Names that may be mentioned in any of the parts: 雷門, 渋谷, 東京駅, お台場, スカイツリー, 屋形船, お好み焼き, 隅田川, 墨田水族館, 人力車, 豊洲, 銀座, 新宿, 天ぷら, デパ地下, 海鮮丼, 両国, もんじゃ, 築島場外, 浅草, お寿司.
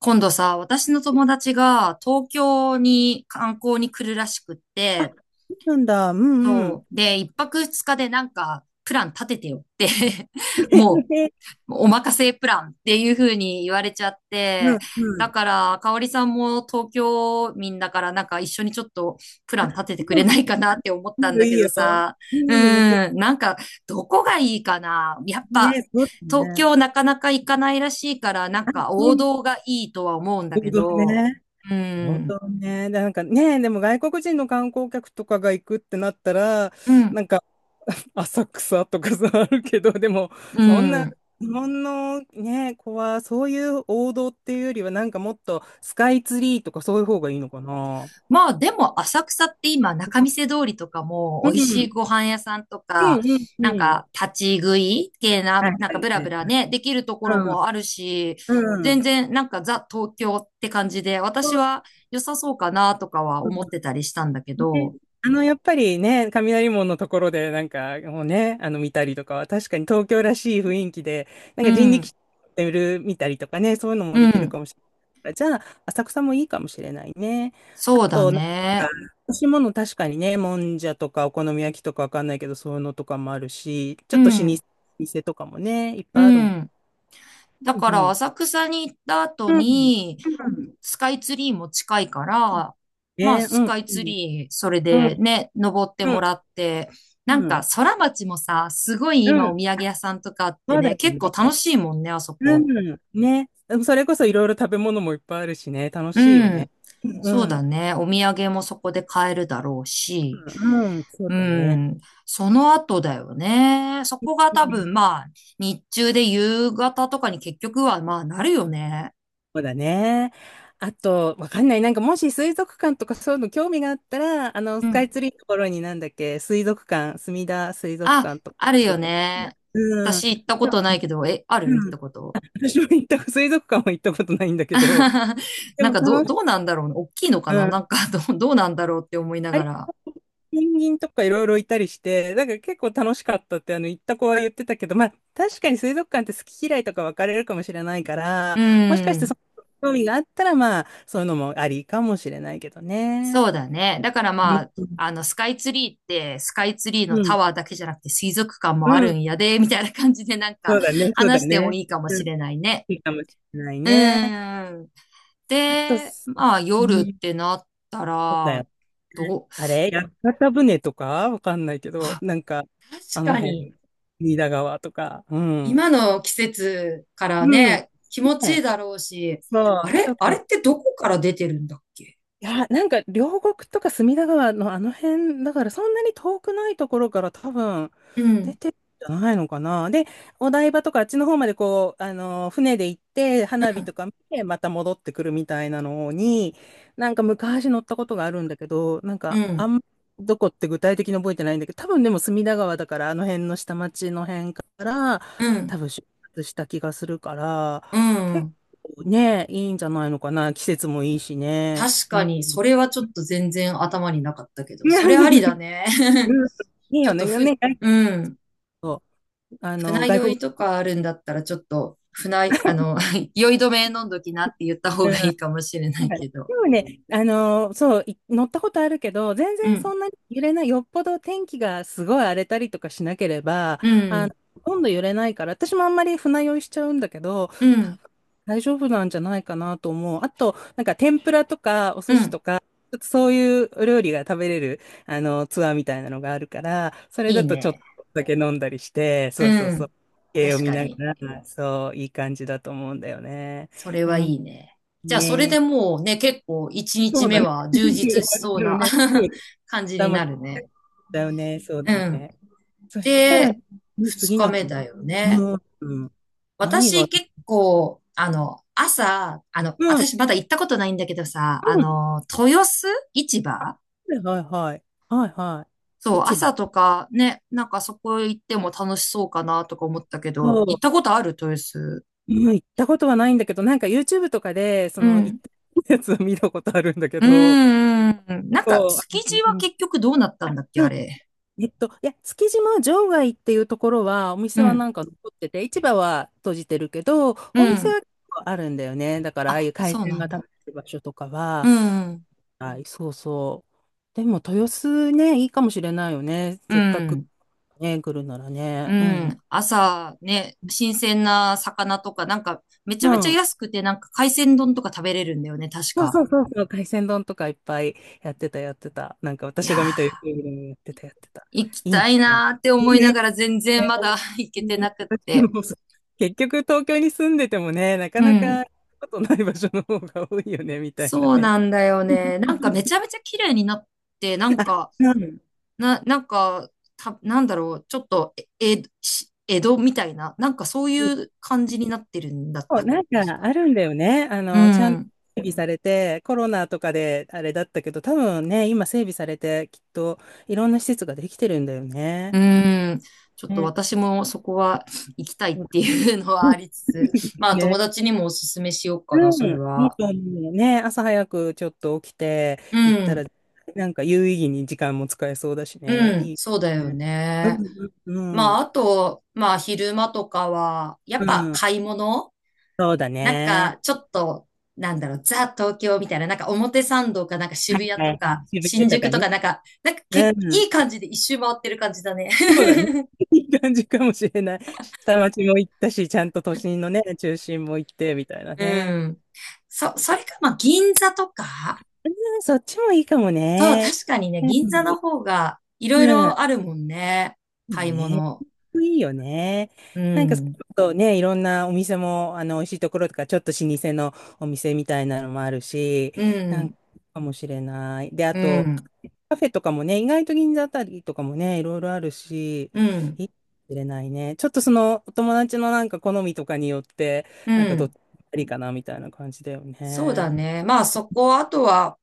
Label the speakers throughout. Speaker 1: 今度さ、私の友達が東京に観光に来るらしくって、
Speaker 2: なんだ。うんうん。
Speaker 1: そう。で、一泊二日でなんかプラン立ててよって も お任せプランっていう風に言われちゃっ
Speaker 2: う
Speaker 1: て、
Speaker 2: んう
Speaker 1: だ
Speaker 2: ん。
Speaker 1: から、かおりさんも東京民だからなんか一緒にちょっとプラン立ててくれないかなって思っ
Speaker 2: う
Speaker 1: たん
Speaker 2: ん。
Speaker 1: だ
Speaker 2: い
Speaker 1: け
Speaker 2: いよ、
Speaker 1: どさ、
Speaker 2: いい
Speaker 1: う
Speaker 2: よ。うん、もちろ
Speaker 1: ん、なんかどこがいいかな。やっ
Speaker 2: ん。
Speaker 1: ぱ
Speaker 2: ね、そうだ
Speaker 1: 東
Speaker 2: ね。
Speaker 1: 京なかなか行かないらしいから、なん
Speaker 2: あ、
Speaker 1: か
Speaker 2: そうな
Speaker 1: 王
Speaker 2: んだ
Speaker 1: 道がいいとは思うんだ
Speaker 2: 王
Speaker 1: け
Speaker 2: 道
Speaker 1: ど、
Speaker 2: ね。
Speaker 1: う
Speaker 2: 王
Speaker 1: ん、
Speaker 2: 道ね。でね、でも外国人の観光客とかが行くってなったら、
Speaker 1: うん、
Speaker 2: なんか、浅草とかさ、あるけど、でも、
Speaker 1: う
Speaker 2: そんな、
Speaker 1: ん。
Speaker 2: 日本のね、子は、そういう王道っていうよりは、なんかもっと、スカイツリーとかそういう方がいいのかな。
Speaker 1: まあでも浅草って今仲見世通りとかも
Speaker 2: う
Speaker 1: 美味しい
Speaker 2: ん。
Speaker 1: ご飯屋さんと
Speaker 2: うん
Speaker 1: か、
Speaker 2: うんう
Speaker 1: なん
Speaker 2: ん。
Speaker 1: か立ち食い系
Speaker 2: は
Speaker 1: な、
Speaker 2: い
Speaker 1: なん
Speaker 2: は
Speaker 1: か
Speaker 2: い
Speaker 1: ブラ
Speaker 2: は
Speaker 1: ブ
Speaker 2: い。
Speaker 1: ラね、できるところもあるし、
Speaker 2: うん。う
Speaker 1: 全
Speaker 2: ん。
Speaker 1: 然なんかザ東京って感じで、
Speaker 2: そ
Speaker 1: 私
Speaker 2: う
Speaker 1: は良さそうかなとかは
Speaker 2: で
Speaker 1: 思ってたりしたんだけ
Speaker 2: すね。
Speaker 1: ど、
Speaker 2: やっぱりね、雷門のところで、もうね、見たりとかは、確かに東京らしい雰囲気で、なん
Speaker 1: う
Speaker 2: か人力
Speaker 1: ん、
Speaker 2: 車で見たりとかね、そういうのも
Speaker 1: う
Speaker 2: できる
Speaker 1: ん、
Speaker 2: かもしれない。じゃあ、浅草もいいかもしれないね。あ
Speaker 1: そうだ
Speaker 2: と、なんか、
Speaker 1: ね。
Speaker 2: 欲しいもの確かにね、もんじゃとか、お好み焼きとかわかんないけど、そういうのとかもあるし、ち
Speaker 1: う
Speaker 2: ょっと老
Speaker 1: ん、
Speaker 2: 舗店とかもね、いっ
Speaker 1: う
Speaker 2: ぱいあるもん。
Speaker 1: ん。だ
Speaker 2: う
Speaker 1: から
Speaker 2: ん。
Speaker 1: 浅草に行った後
Speaker 2: うん。
Speaker 1: に、
Speaker 2: うん
Speaker 1: スカイツリーも近いから、まあ
Speaker 2: ねう
Speaker 1: ス
Speaker 2: ん
Speaker 1: カイツ
Speaker 2: ね。
Speaker 1: リー、それ
Speaker 2: うん。
Speaker 1: でね、登って
Speaker 2: うん。
Speaker 1: もらって、な
Speaker 2: う
Speaker 1: ん
Speaker 2: ん。う
Speaker 1: か
Speaker 2: ん。
Speaker 1: 空町もさ、すごい
Speaker 2: う
Speaker 1: 今お
Speaker 2: ん
Speaker 1: 土産屋さんとかあって
Speaker 2: そうだ
Speaker 1: ね、
Speaker 2: よ
Speaker 1: 結構楽
Speaker 2: ね。
Speaker 1: しいもんね、あそ
Speaker 2: う
Speaker 1: こ。
Speaker 2: ん、ね。でもそれこそいろいろ食べ物もいっぱいあるしね、楽
Speaker 1: う
Speaker 2: しいよ
Speaker 1: ん。
Speaker 2: ね。う
Speaker 1: そう
Speaker 2: ん、
Speaker 1: だ
Speaker 2: う
Speaker 1: ね。お土産もそこで買えるだろうし。
Speaker 2: ん、うんそう
Speaker 1: う
Speaker 2: だね。
Speaker 1: ん。その後だよね。そこが
Speaker 2: う
Speaker 1: 多
Speaker 2: ん、
Speaker 1: 分まあ、日中で夕方とかに結局はまあなるよね。
Speaker 2: そうだね。あと、わかんない。なんかもし水族館とかそういうの興味があったら、
Speaker 1: う
Speaker 2: スカ
Speaker 1: ん。
Speaker 2: イツリーのところになんだっけ、水族館、墨田水族
Speaker 1: あ、
Speaker 2: 館とか。
Speaker 1: あるよね。
Speaker 2: うん。
Speaker 1: 私行ったことないけど、え、ある行っ
Speaker 2: うん。
Speaker 1: たこと。
Speaker 2: 私も行った、水族館は行ったことないんだけど、で
Speaker 1: なん
Speaker 2: も
Speaker 1: か
Speaker 2: 楽し
Speaker 1: どうなんだろうね。大きいのかななん
Speaker 2: い。
Speaker 1: か どうなんだろうって思いな
Speaker 2: あ
Speaker 1: が
Speaker 2: れ、
Speaker 1: ら。
Speaker 2: ペンギンとかいろいろいたりして、なんか結構楽しかったってあの行った子は言ってたけど、まあ確かに水族館って好き嫌いとか分かれるかもしれないから、
Speaker 1: う
Speaker 2: もしかしてそ
Speaker 1: ん。
Speaker 2: の興味があったらまあそういうのもありかもしれないけどね。
Speaker 1: そうだね。だから
Speaker 2: う
Speaker 1: ま
Speaker 2: ん、
Speaker 1: あ、スカイツリーって、スカイツリーの
Speaker 2: う
Speaker 1: タ
Speaker 2: ん、
Speaker 1: ワーだけじゃなくて水族館
Speaker 2: う
Speaker 1: もある
Speaker 2: ん、
Speaker 1: んやで、みたいな感じでなん
Speaker 2: そ
Speaker 1: か
Speaker 2: うだね、そうだ
Speaker 1: 話しても
Speaker 2: ね。
Speaker 1: いいかも
Speaker 2: うん、
Speaker 1: しれないね。
Speaker 2: いいかもしれない
Speaker 1: う
Speaker 2: ね。
Speaker 1: ん。
Speaker 2: あと、
Speaker 1: で、
Speaker 2: す
Speaker 1: まあ
Speaker 2: う
Speaker 1: 夜っ
Speaker 2: ん、
Speaker 1: てなった
Speaker 2: そうだ
Speaker 1: ら、
Speaker 2: よ。
Speaker 1: どう、
Speaker 2: あれ、屋形船とかわかんないけ ど、
Speaker 1: あ、
Speaker 2: なんか、あ
Speaker 1: 確
Speaker 2: の
Speaker 1: かに。
Speaker 2: 辺、隅田川とか、うん。
Speaker 1: 今の季節か
Speaker 2: う
Speaker 1: ら
Speaker 2: ん。ね
Speaker 1: ね、気持ちいいだろうし、
Speaker 2: そ
Speaker 1: あ
Speaker 2: う、ちょ
Speaker 1: れ
Speaker 2: っ
Speaker 1: あれっ
Speaker 2: と
Speaker 1: てどこから出てるんだっけ。
Speaker 2: いや、なんか両国とか隅田川のあの辺だからそんなに遠くないところから多分
Speaker 1: う
Speaker 2: 出
Speaker 1: ん、
Speaker 2: てるんじゃないのかな。で、お台場とかあっちの方までこう、船で行って花火とか見てまた戻ってくるみたいなのに、なんか昔乗ったことがあるんだけど、なん
Speaker 1: う
Speaker 2: かあ
Speaker 1: ん、
Speaker 2: んまどこって具体的に覚えてないんだけど、多分でも隅田川だからあの辺の下町の辺から
Speaker 1: う
Speaker 2: 多
Speaker 1: ん、
Speaker 2: 分出発した気がするから、
Speaker 1: う
Speaker 2: 結
Speaker 1: ん。
Speaker 2: 構ね、いいんじゃないのかな。季節もいいしね。
Speaker 1: 確
Speaker 2: う
Speaker 1: か
Speaker 2: ん。
Speaker 1: に、それはちょっと全然頭になかったけ
Speaker 2: い
Speaker 1: ど、
Speaker 2: や、
Speaker 1: そ
Speaker 2: う
Speaker 1: れありだ
Speaker 2: ん
Speaker 1: ね。
Speaker 2: いい
Speaker 1: ちょ
Speaker 2: よ
Speaker 1: っと
Speaker 2: ね。
Speaker 1: ふ、
Speaker 2: ね、
Speaker 1: うん。
Speaker 2: そうあの、
Speaker 1: 船
Speaker 2: 外
Speaker 1: 酔
Speaker 2: 国、
Speaker 1: いとかあるんだったら、ちょっと、船、酔い止め飲んどきなって言った方がいいかもしれな
Speaker 2: なん
Speaker 1: い
Speaker 2: か
Speaker 1: けど。
Speaker 2: でもね、そう、い乗ったことあるけど、全
Speaker 1: う
Speaker 2: 然そ
Speaker 1: ん、
Speaker 2: んなに揺れない、よっぽど天気がすごい荒れたりとかしなければ、
Speaker 1: うん、
Speaker 2: ほとんど揺れないから、私もあんまり船酔いしちゃうんだけど、
Speaker 1: う
Speaker 2: 多
Speaker 1: ん、
Speaker 2: 分大丈夫なんじゃないかなと思う。あと、なんか天ぷらとかお
Speaker 1: う
Speaker 2: 寿司
Speaker 1: ん。
Speaker 2: とか、ちょっとそういうお料理が食べれる、ツアーみたいなのがあるから、それ
Speaker 1: いい
Speaker 2: だとちょっと
Speaker 1: ね。
Speaker 2: だけ飲んだりして、
Speaker 1: う
Speaker 2: そうそうそ
Speaker 1: ん。
Speaker 2: う、絵を
Speaker 1: 確
Speaker 2: 見
Speaker 1: か
Speaker 2: な
Speaker 1: に。
Speaker 2: がら、そう、いい感じだと思うんだよね。
Speaker 1: それ
Speaker 2: う
Speaker 1: はい
Speaker 2: ん、
Speaker 1: いね。じゃあ、それで
Speaker 2: ね
Speaker 1: もうね、結構1
Speaker 2: そ
Speaker 1: 日
Speaker 2: うだ
Speaker 1: 目
Speaker 2: ね。
Speaker 1: は充実し そう
Speaker 2: だよ
Speaker 1: な
Speaker 2: ね。そ
Speaker 1: 感じ
Speaker 2: た
Speaker 1: に
Speaker 2: ま
Speaker 1: な
Speaker 2: に
Speaker 1: るね。
Speaker 2: だよね。そう
Speaker 1: う
Speaker 2: だ
Speaker 1: ん。
Speaker 2: ね。そしたら、ね
Speaker 1: で、2
Speaker 2: 次
Speaker 1: 日
Speaker 2: の日
Speaker 1: 目
Speaker 2: ね
Speaker 1: だよね。
Speaker 2: うん、うん。何
Speaker 1: 私
Speaker 2: が、
Speaker 1: 結構、朝、
Speaker 2: うん、うん。
Speaker 1: 私まだ行ったことないんだけどさ、豊洲市
Speaker 2: あ
Speaker 1: 場。
Speaker 2: はいはいはい。はいはい。
Speaker 1: そう、
Speaker 2: 市場。
Speaker 1: 朝とかね、なんかそこ行っても楽しそうかなとか思ったけど、
Speaker 2: そ
Speaker 1: 行っ
Speaker 2: う。
Speaker 1: たことある豊洲。
Speaker 2: うん行ったことはないんだけど、なんか YouTube とかで、そ
Speaker 1: う
Speaker 2: の行っ
Speaker 1: ん。
Speaker 2: たやつを見たことあるんだけ
Speaker 1: うー
Speaker 2: ど、
Speaker 1: ん。なんか、
Speaker 2: そう、あ
Speaker 1: 築
Speaker 2: の
Speaker 1: 地
Speaker 2: う
Speaker 1: は
Speaker 2: ん、
Speaker 1: 結局どうなったんだっけ、あれ。
Speaker 2: えっと、いや、築島場外っていうところは、お
Speaker 1: う
Speaker 2: 店はな
Speaker 1: ん
Speaker 2: んか残ってて、市場は閉じてるけど、
Speaker 1: う
Speaker 2: お店
Speaker 1: ん。
Speaker 2: は結構あるんだよね。だから、ああい
Speaker 1: あ、
Speaker 2: う海
Speaker 1: そう
Speaker 2: 鮮
Speaker 1: な
Speaker 2: が
Speaker 1: ん
Speaker 2: 食べ
Speaker 1: だ。
Speaker 2: れる場所とか
Speaker 1: う
Speaker 2: は、
Speaker 1: ん。
Speaker 2: はい、そうそう。でも、豊洲ね、いいかもしれないよね。
Speaker 1: う
Speaker 2: せっかく
Speaker 1: ん。
Speaker 2: ね、来るなら
Speaker 1: う
Speaker 2: ね。うん、うん。
Speaker 1: ん。朝ね、新鮮な魚とか、なんか、めちゃ
Speaker 2: う
Speaker 1: めちゃ
Speaker 2: ん。
Speaker 1: 安くて、なんか海鮮丼とか食べれるんだよね、確
Speaker 2: そう
Speaker 1: か。
Speaker 2: そうそうそう、海鮮丼とかいっぱいやってた、やってた。なんか
Speaker 1: いや
Speaker 2: 私が見た
Speaker 1: ー、
Speaker 2: YouTube でもやってた、やってた。
Speaker 1: 行き
Speaker 2: いい
Speaker 1: たい
Speaker 2: ね。
Speaker 1: なーって思いながら全然
Speaker 2: ね
Speaker 1: まだ 行けて
Speaker 2: うん
Speaker 1: なくっ
Speaker 2: 私
Speaker 1: て。
Speaker 2: も結局東京に住んでてもね、なか
Speaker 1: う
Speaker 2: なか
Speaker 1: ん。
Speaker 2: 行くことない場所の方が多いよね、みたいな
Speaker 1: そう
Speaker 2: ね。
Speaker 1: なんだよね。なんかめち ゃめちゃ綺麗になって、なん
Speaker 2: あ、
Speaker 1: か、
Speaker 2: うん。
Speaker 1: なんか、なんだろう、ちょっと、え、えし江戸みたいな、なんかそういう感じになってるんだっ
Speaker 2: そう
Speaker 1: た。
Speaker 2: なん
Speaker 1: 確
Speaker 2: か
Speaker 1: か。
Speaker 2: あるんだよね。
Speaker 1: う
Speaker 2: ちゃんと
Speaker 1: ん。
Speaker 2: 整備されて、コロナとかであれだったけど、多分ね、今整備されて、きっといろんな施設ができてるんだよ
Speaker 1: う
Speaker 2: ね。
Speaker 1: ーん。ちょっと
Speaker 2: ね。
Speaker 1: 私もそこは行きたいっ
Speaker 2: そう
Speaker 1: て
Speaker 2: だ
Speaker 1: いうのはありつつ、まあ友
Speaker 2: ね
Speaker 1: 達にもおすすめしようかな、
Speaker 2: う
Speaker 1: それ
Speaker 2: ん、いい
Speaker 1: は。
Speaker 2: と思うね。朝早くちょっと起きて
Speaker 1: う
Speaker 2: 行った
Speaker 1: ん。
Speaker 2: ら、なんか有意義に時間も使えそうだしね。
Speaker 1: うん。
Speaker 2: いい
Speaker 1: そうだよ
Speaker 2: ね。う
Speaker 1: ね。
Speaker 2: ん、うん、う
Speaker 1: まあ
Speaker 2: ん。
Speaker 1: あと、まあ昼間とかは、や
Speaker 2: う
Speaker 1: っぱ
Speaker 2: ん
Speaker 1: 買い物
Speaker 2: そうだ
Speaker 1: なん
Speaker 2: ね。
Speaker 1: かちょっと、なんだろう、ザ東京みたいな、なんか表参道かなんか
Speaker 2: は
Speaker 1: 渋
Speaker 2: い
Speaker 1: 谷
Speaker 2: は
Speaker 1: と
Speaker 2: いは
Speaker 1: か
Speaker 2: い。渋谷
Speaker 1: 新
Speaker 2: と
Speaker 1: 宿
Speaker 2: か
Speaker 1: と
Speaker 2: ね。
Speaker 1: かなんか、なんか
Speaker 2: う
Speaker 1: け、
Speaker 2: ん。
Speaker 1: いい感じで一周回ってる感じだね。
Speaker 2: そうだね。いい感じかもしれない。下町も行ったし、ちゃんと都心のね、中心も行って、みたいな
Speaker 1: う
Speaker 2: ね。
Speaker 1: ん。それか、まあ銀座とか。
Speaker 2: うん、そっちもいいかも
Speaker 1: そう、
Speaker 2: ね。
Speaker 1: 確かにね、
Speaker 2: うん。
Speaker 1: 銀座の方がいろ
Speaker 2: う
Speaker 1: い
Speaker 2: ん
Speaker 1: ろあるもんね。買い
Speaker 2: ね、
Speaker 1: 物。
Speaker 2: いいよね。
Speaker 1: う
Speaker 2: なんか、
Speaker 1: ん、
Speaker 2: そうね、いろんなお店も、美味しいところとか、ちょっと老舗のお店みたいなのもあるし、
Speaker 1: う
Speaker 2: なん
Speaker 1: ん、
Speaker 2: か、かもしれない。で、あ
Speaker 1: う
Speaker 2: と、
Speaker 1: ん、
Speaker 2: カフェとかもね、意外と銀座あたりとかもね、いろいろあるし、
Speaker 1: うん、
Speaker 2: いいかもしれないね。ちょっとその、お友達のなんか好みとかによって、
Speaker 1: う
Speaker 2: なんかどっ
Speaker 1: ん。
Speaker 2: ちがいいかな、みたいな感じだよ
Speaker 1: そうだ
Speaker 2: ね。
Speaker 1: ね。まあそこ、あとは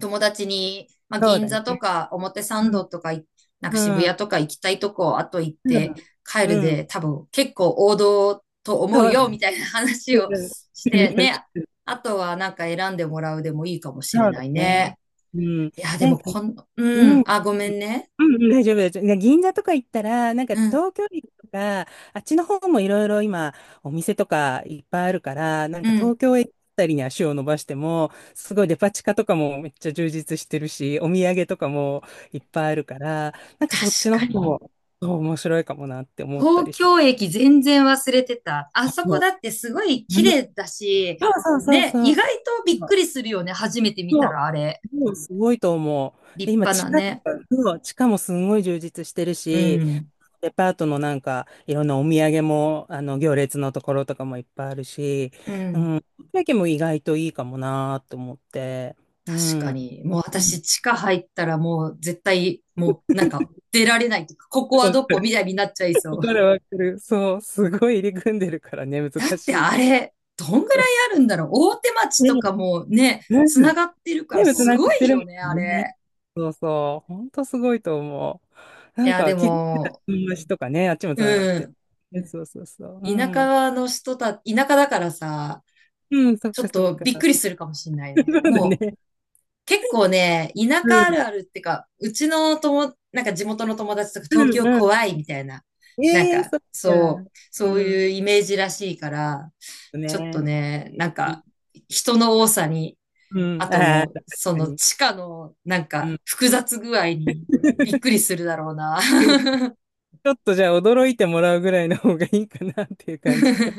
Speaker 1: 友達に、まあ
Speaker 2: そう
Speaker 1: 銀
Speaker 2: だね。
Speaker 1: 座とか表参
Speaker 2: うん。
Speaker 1: 道とかい、なんか渋
Speaker 2: うん。
Speaker 1: 谷とか行きたいとこ、あと行っ
Speaker 2: う
Speaker 1: て
Speaker 2: ん。
Speaker 1: 帰る
Speaker 2: うん。
Speaker 1: で、多分結構王道と
Speaker 2: そ
Speaker 1: 思う
Speaker 2: うだね。
Speaker 1: よ、みたいな話を
Speaker 2: うん
Speaker 1: してね。あとはなんか選んでもらうでもいいかもしれ
Speaker 2: そうだ
Speaker 1: ない
Speaker 2: ね。
Speaker 1: ね。
Speaker 2: うん。
Speaker 1: いや、で
Speaker 2: なん
Speaker 1: も
Speaker 2: か、
Speaker 1: こん、う
Speaker 2: う
Speaker 1: ん、
Speaker 2: ん。
Speaker 1: あ、ごめんね。
Speaker 2: うんうん、大丈夫です。い銀座とか行ったら、なんか
Speaker 1: うん
Speaker 2: 東京駅とか、あっちの方もいろいろ今、お店とかいっぱいあるから、なん
Speaker 1: う
Speaker 2: か
Speaker 1: ん。
Speaker 2: 東京駅あたりに足を伸ばしても、すごいデパ地下とかもめっちゃ充実してるし、お土産とかもいっぱいあるから、なんかそっち
Speaker 1: 確
Speaker 2: の方
Speaker 1: かに。
Speaker 2: も、そう面白いかもなって思った
Speaker 1: 東
Speaker 2: りして。
Speaker 1: 京駅全然忘れてた。あそこ
Speaker 2: も
Speaker 1: だってすごい
Speaker 2: うう
Speaker 1: 綺
Speaker 2: ん
Speaker 1: 麗だし、
Speaker 2: そうそう
Speaker 1: ね、
Speaker 2: そ
Speaker 1: 意
Speaker 2: う
Speaker 1: 外とびっ
Speaker 2: そう。
Speaker 1: くりするよね。初めて見た
Speaker 2: そう、
Speaker 1: らあれ。
Speaker 2: うんすごいと思う。で、
Speaker 1: 立
Speaker 2: 今、
Speaker 1: 派
Speaker 2: 地
Speaker 1: な
Speaker 2: 下と
Speaker 1: ね。
Speaker 2: か、そう地下もすごい充実してる
Speaker 1: う
Speaker 2: し、
Speaker 1: ん。
Speaker 2: デパートのなんか、いろんなお土産も、行列のところとかもいっぱいあるし、
Speaker 1: う
Speaker 2: う
Speaker 1: ん。
Speaker 2: ん、だけも意外といいかもなーと思って、う
Speaker 1: 確
Speaker 2: ん。
Speaker 1: かに。もう
Speaker 2: うん
Speaker 1: 私、地下入ったらもう絶対、もうなんか出られないとか、ここは
Speaker 2: わか
Speaker 1: どこ
Speaker 2: る、
Speaker 1: みたいになっちゃい そ
Speaker 2: わ
Speaker 1: う。
Speaker 2: かる、わかる。そう、すごい入り組んでるからね、
Speaker 1: だっ
Speaker 2: 難
Speaker 1: て
Speaker 2: しい。
Speaker 1: あれ、どんぐらい
Speaker 2: そ
Speaker 1: あるんだろう。大手町
Speaker 2: う
Speaker 1: と
Speaker 2: ね、
Speaker 1: かもね、
Speaker 2: う
Speaker 1: つな
Speaker 2: ん。
Speaker 1: がってるから
Speaker 2: ね、つ
Speaker 1: す
Speaker 2: なが
Speaker 1: ご
Speaker 2: って
Speaker 1: い
Speaker 2: る
Speaker 1: よね、あ
Speaker 2: もんね。
Speaker 1: れ。
Speaker 2: そうそう。ほんとすごいと思う。な
Speaker 1: い
Speaker 2: ん
Speaker 1: や、で
Speaker 2: か、気づいたら
Speaker 1: も、
Speaker 2: 友達とかね、あっちもつながっ
Speaker 1: う
Speaker 2: てる。
Speaker 1: ん。
Speaker 2: ねそうそうそう。う
Speaker 1: 田
Speaker 2: ん。
Speaker 1: 舎の人た、田舎だからさ、
Speaker 2: うん、そっ
Speaker 1: ちょ
Speaker 2: か
Speaker 1: っ
Speaker 2: そっ
Speaker 1: と
Speaker 2: か。
Speaker 1: びっくりするかもしんない
Speaker 2: そ
Speaker 1: ね。
Speaker 2: うだ
Speaker 1: もう
Speaker 2: ね。
Speaker 1: 結構ね、田
Speaker 2: う
Speaker 1: 舎
Speaker 2: ん、
Speaker 1: あるあるってか、うちの友、なんか地元の友達とか
Speaker 2: う
Speaker 1: 東
Speaker 2: ん、
Speaker 1: 京
Speaker 2: う
Speaker 1: 怖いみたいな、
Speaker 2: ん。
Speaker 1: なん
Speaker 2: ええ
Speaker 1: か
Speaker 2: そっか。う
Speaker 1: そうい
Speaker 2: ん。
Speaker 1: うイメージらしいから、ちょっと
Speaker 2: ね。
Speaker 1: ね、なん
Speaker 2: うん。
Speaker 1: か人の多さに、
Speaker 2: う
Speaker 1: あ
Speaker 2: ん。ああ、
Speaker 1: と、
Speaker 2: 確
Speaker 1: そ
Speaker 2: か
Speaker 1: の
Speaker 2: に。
Speaker 1: 地下のなん
Speaker 2: う
Speaker 1: か
Speaker 2: ん。
Speaker 1: 複雑具合にびっく りするだろうな。
Speaker 2: ちょっとじゃあ驚いてもらうぐらいの方がいいかなっていう感じか。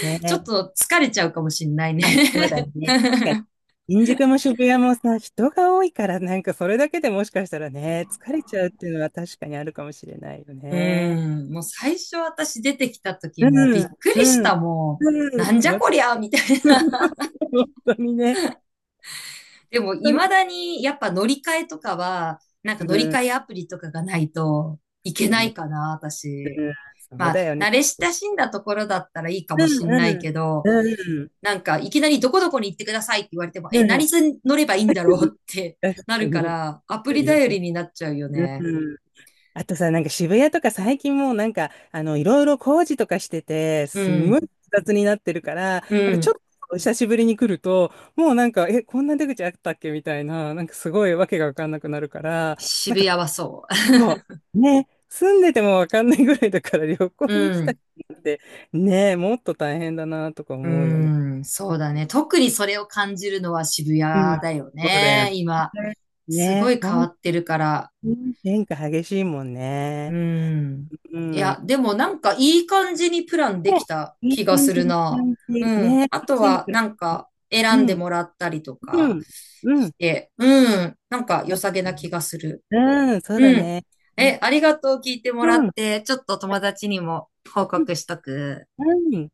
Speaker 2: ね
Speaker 1: ちょっと疲れちゃうかもしんないね。
Speaker 2: あ、そうだね。確かに。新宿も渋谷もさ、人が多いから、なんかそれだけでもしかしたらね、疲れちゃうっていうのは確かにあるかもしれないよ
Speaker 1: う
Speaker 2: ね。
Speaker 1: ーん、もう最初私出てきた時
Speaker 2: う
Speaker 1: もう
Speaker 2: ん、
Speaker 1: びっく
Speaker 2: う
Speaker 1: りし
Speaker 2: ん、
Speaker 1: た、もう、
Speaker 2: うん、
Speaker 1: な
Speaker 2: そ
Speaker 1: んじゃ
Speaker 2: う、
Speaker 1: こりゃ、みたいな。
Speaker 2: 本当にね。
Speaker 1: でも未
Speaker 2: 本当に、
Speaker 1: だにやっぱ乗り換えとかは、なんか
Speaker 2: う
Speaker 1: 乗り
Speaker 2: ん、
Speaker 1: 換えアプリとかがないといけ
Speaker 2: だよ
Speaker 1: ない
Speaker 2: ね。
Speaker 1: かな、私。
Speaker 2: うん、そう
Speaker 1: まあ、
Speaker 2: だよね。
Speaker 1: 慣れ親しんだところだったらいいかも
Speaker 2: うん、
Speaker 1: しん
Speaker 2: う
Speaker 1: ないけ
Speaker 2: ん、
Speaker 1: ど、
Speaker 2: うん、
Speaker 1: なんかいきなりどこどこに行ってくださいって言われても、
Speaker 2: う
Speaker 1: え、何
Speaker 2: ん、
Speaker 1: に乗ればいいんだろうって
Speaker 2: 確
Speaker 1: な
Speaker 2: か
Speaker 1: るか
Speaker 2: に。
Speaker 1: ら、アプリ頼りになっちゃうよ
Speaker 2: う
Speaker 1: ね。
Speaker 2: ん、あとさ、なんか渋谷とか最近もうなんか、いろいろ工事とかしてて、
Speaker 1: う
Speaker 2: すんごい
Speaker 1: ん、
Speaker 2: 複雑になってるから、
Speaker 1: う
Speaker 2: なんかちょ
Speaker 1: ん、
Speaker 2: っと久しぶりに来ると、もうなんか、え、こんな出口あったっけみたいな、なんかすごいわけがわかんなくなるから、なん
Speaker 1: 渋
Speaker 2: か、
Speaker 1: 谷はそ
Speaker 2: もう、ね、住んでてもわかんないぐらいだから旅
Speaker 1: う。
Speaker 2: 行に 来
Speaker 1: う
Speaker 2: た
Speaker 1: ん。
Speaker 2: 人って、ね、もっと大変だなとか
Speaker 1: う
Speaker 2: 思うよね。
Speaker 1: ーん、そうだね。特にそれを感じるのは渋谷
Speaker 2: うん。
Speaker 1: だよ
Speaker 2: そうだよ
Speaker 1: ね。
Speaker 2: ね。
Speaker 1: 今、すご
Speaker 2: ね、
Speaker 1: い変わ
Speaker 2: 本
Speaker 1: ってるから。
Speaker 2: 当に変化激しいもん
Speaker 1: う
Speaker 2: ね。
Speaker 1: ーん。
Speaker 2: う
Speaker 1: いや、
Speaker 2: ん。
Speaker 1: でもなんかいい感じにプランで
Speaker 2: ね
Speaker 1: きた
Speaker 2: いい
Speaker 1: 気が
Speaker 2: 感
Speaker 1: す
Speaker 2: じ、
Speaker 1: るな。
Speaker 2: 感
Speaker 1: う
Speaker 2: じ。ね、
Speaker 1: ん。あ
Speaker 2: 楽
Speaker 1: と
Speaker 2: しんで
Speaker 1: は
Speaker 2: くれる。
Speaker 1: なんか
Speaker 2: う
Speaker 1: 選んで
Speaker 2: ん、
Speaker 1: もらったりと
Speaker 2: う
Speaker 1: か
Speaker 2: ん、う
Speaker 1: し
Speaker 2: ん。
Speaker 1: て、うん。なんか良
Speaker 2: あ
Speaker 1: さげな気がする。
Speaker 2: うん、そう
Speaker 1: う
Speaker 2: だ
Speaker 1: ん。
Speaker 2: ね。うん、
Speaker 1: え、ありがとう聞いても
Speaker 2: う
Speaker 1: らっ
Speaker 2: ん、
Speaker 1: て、ちょっと友達にも報
Speaker 2: う
Speaker 1: 告しとく。
Speaker 2: ん。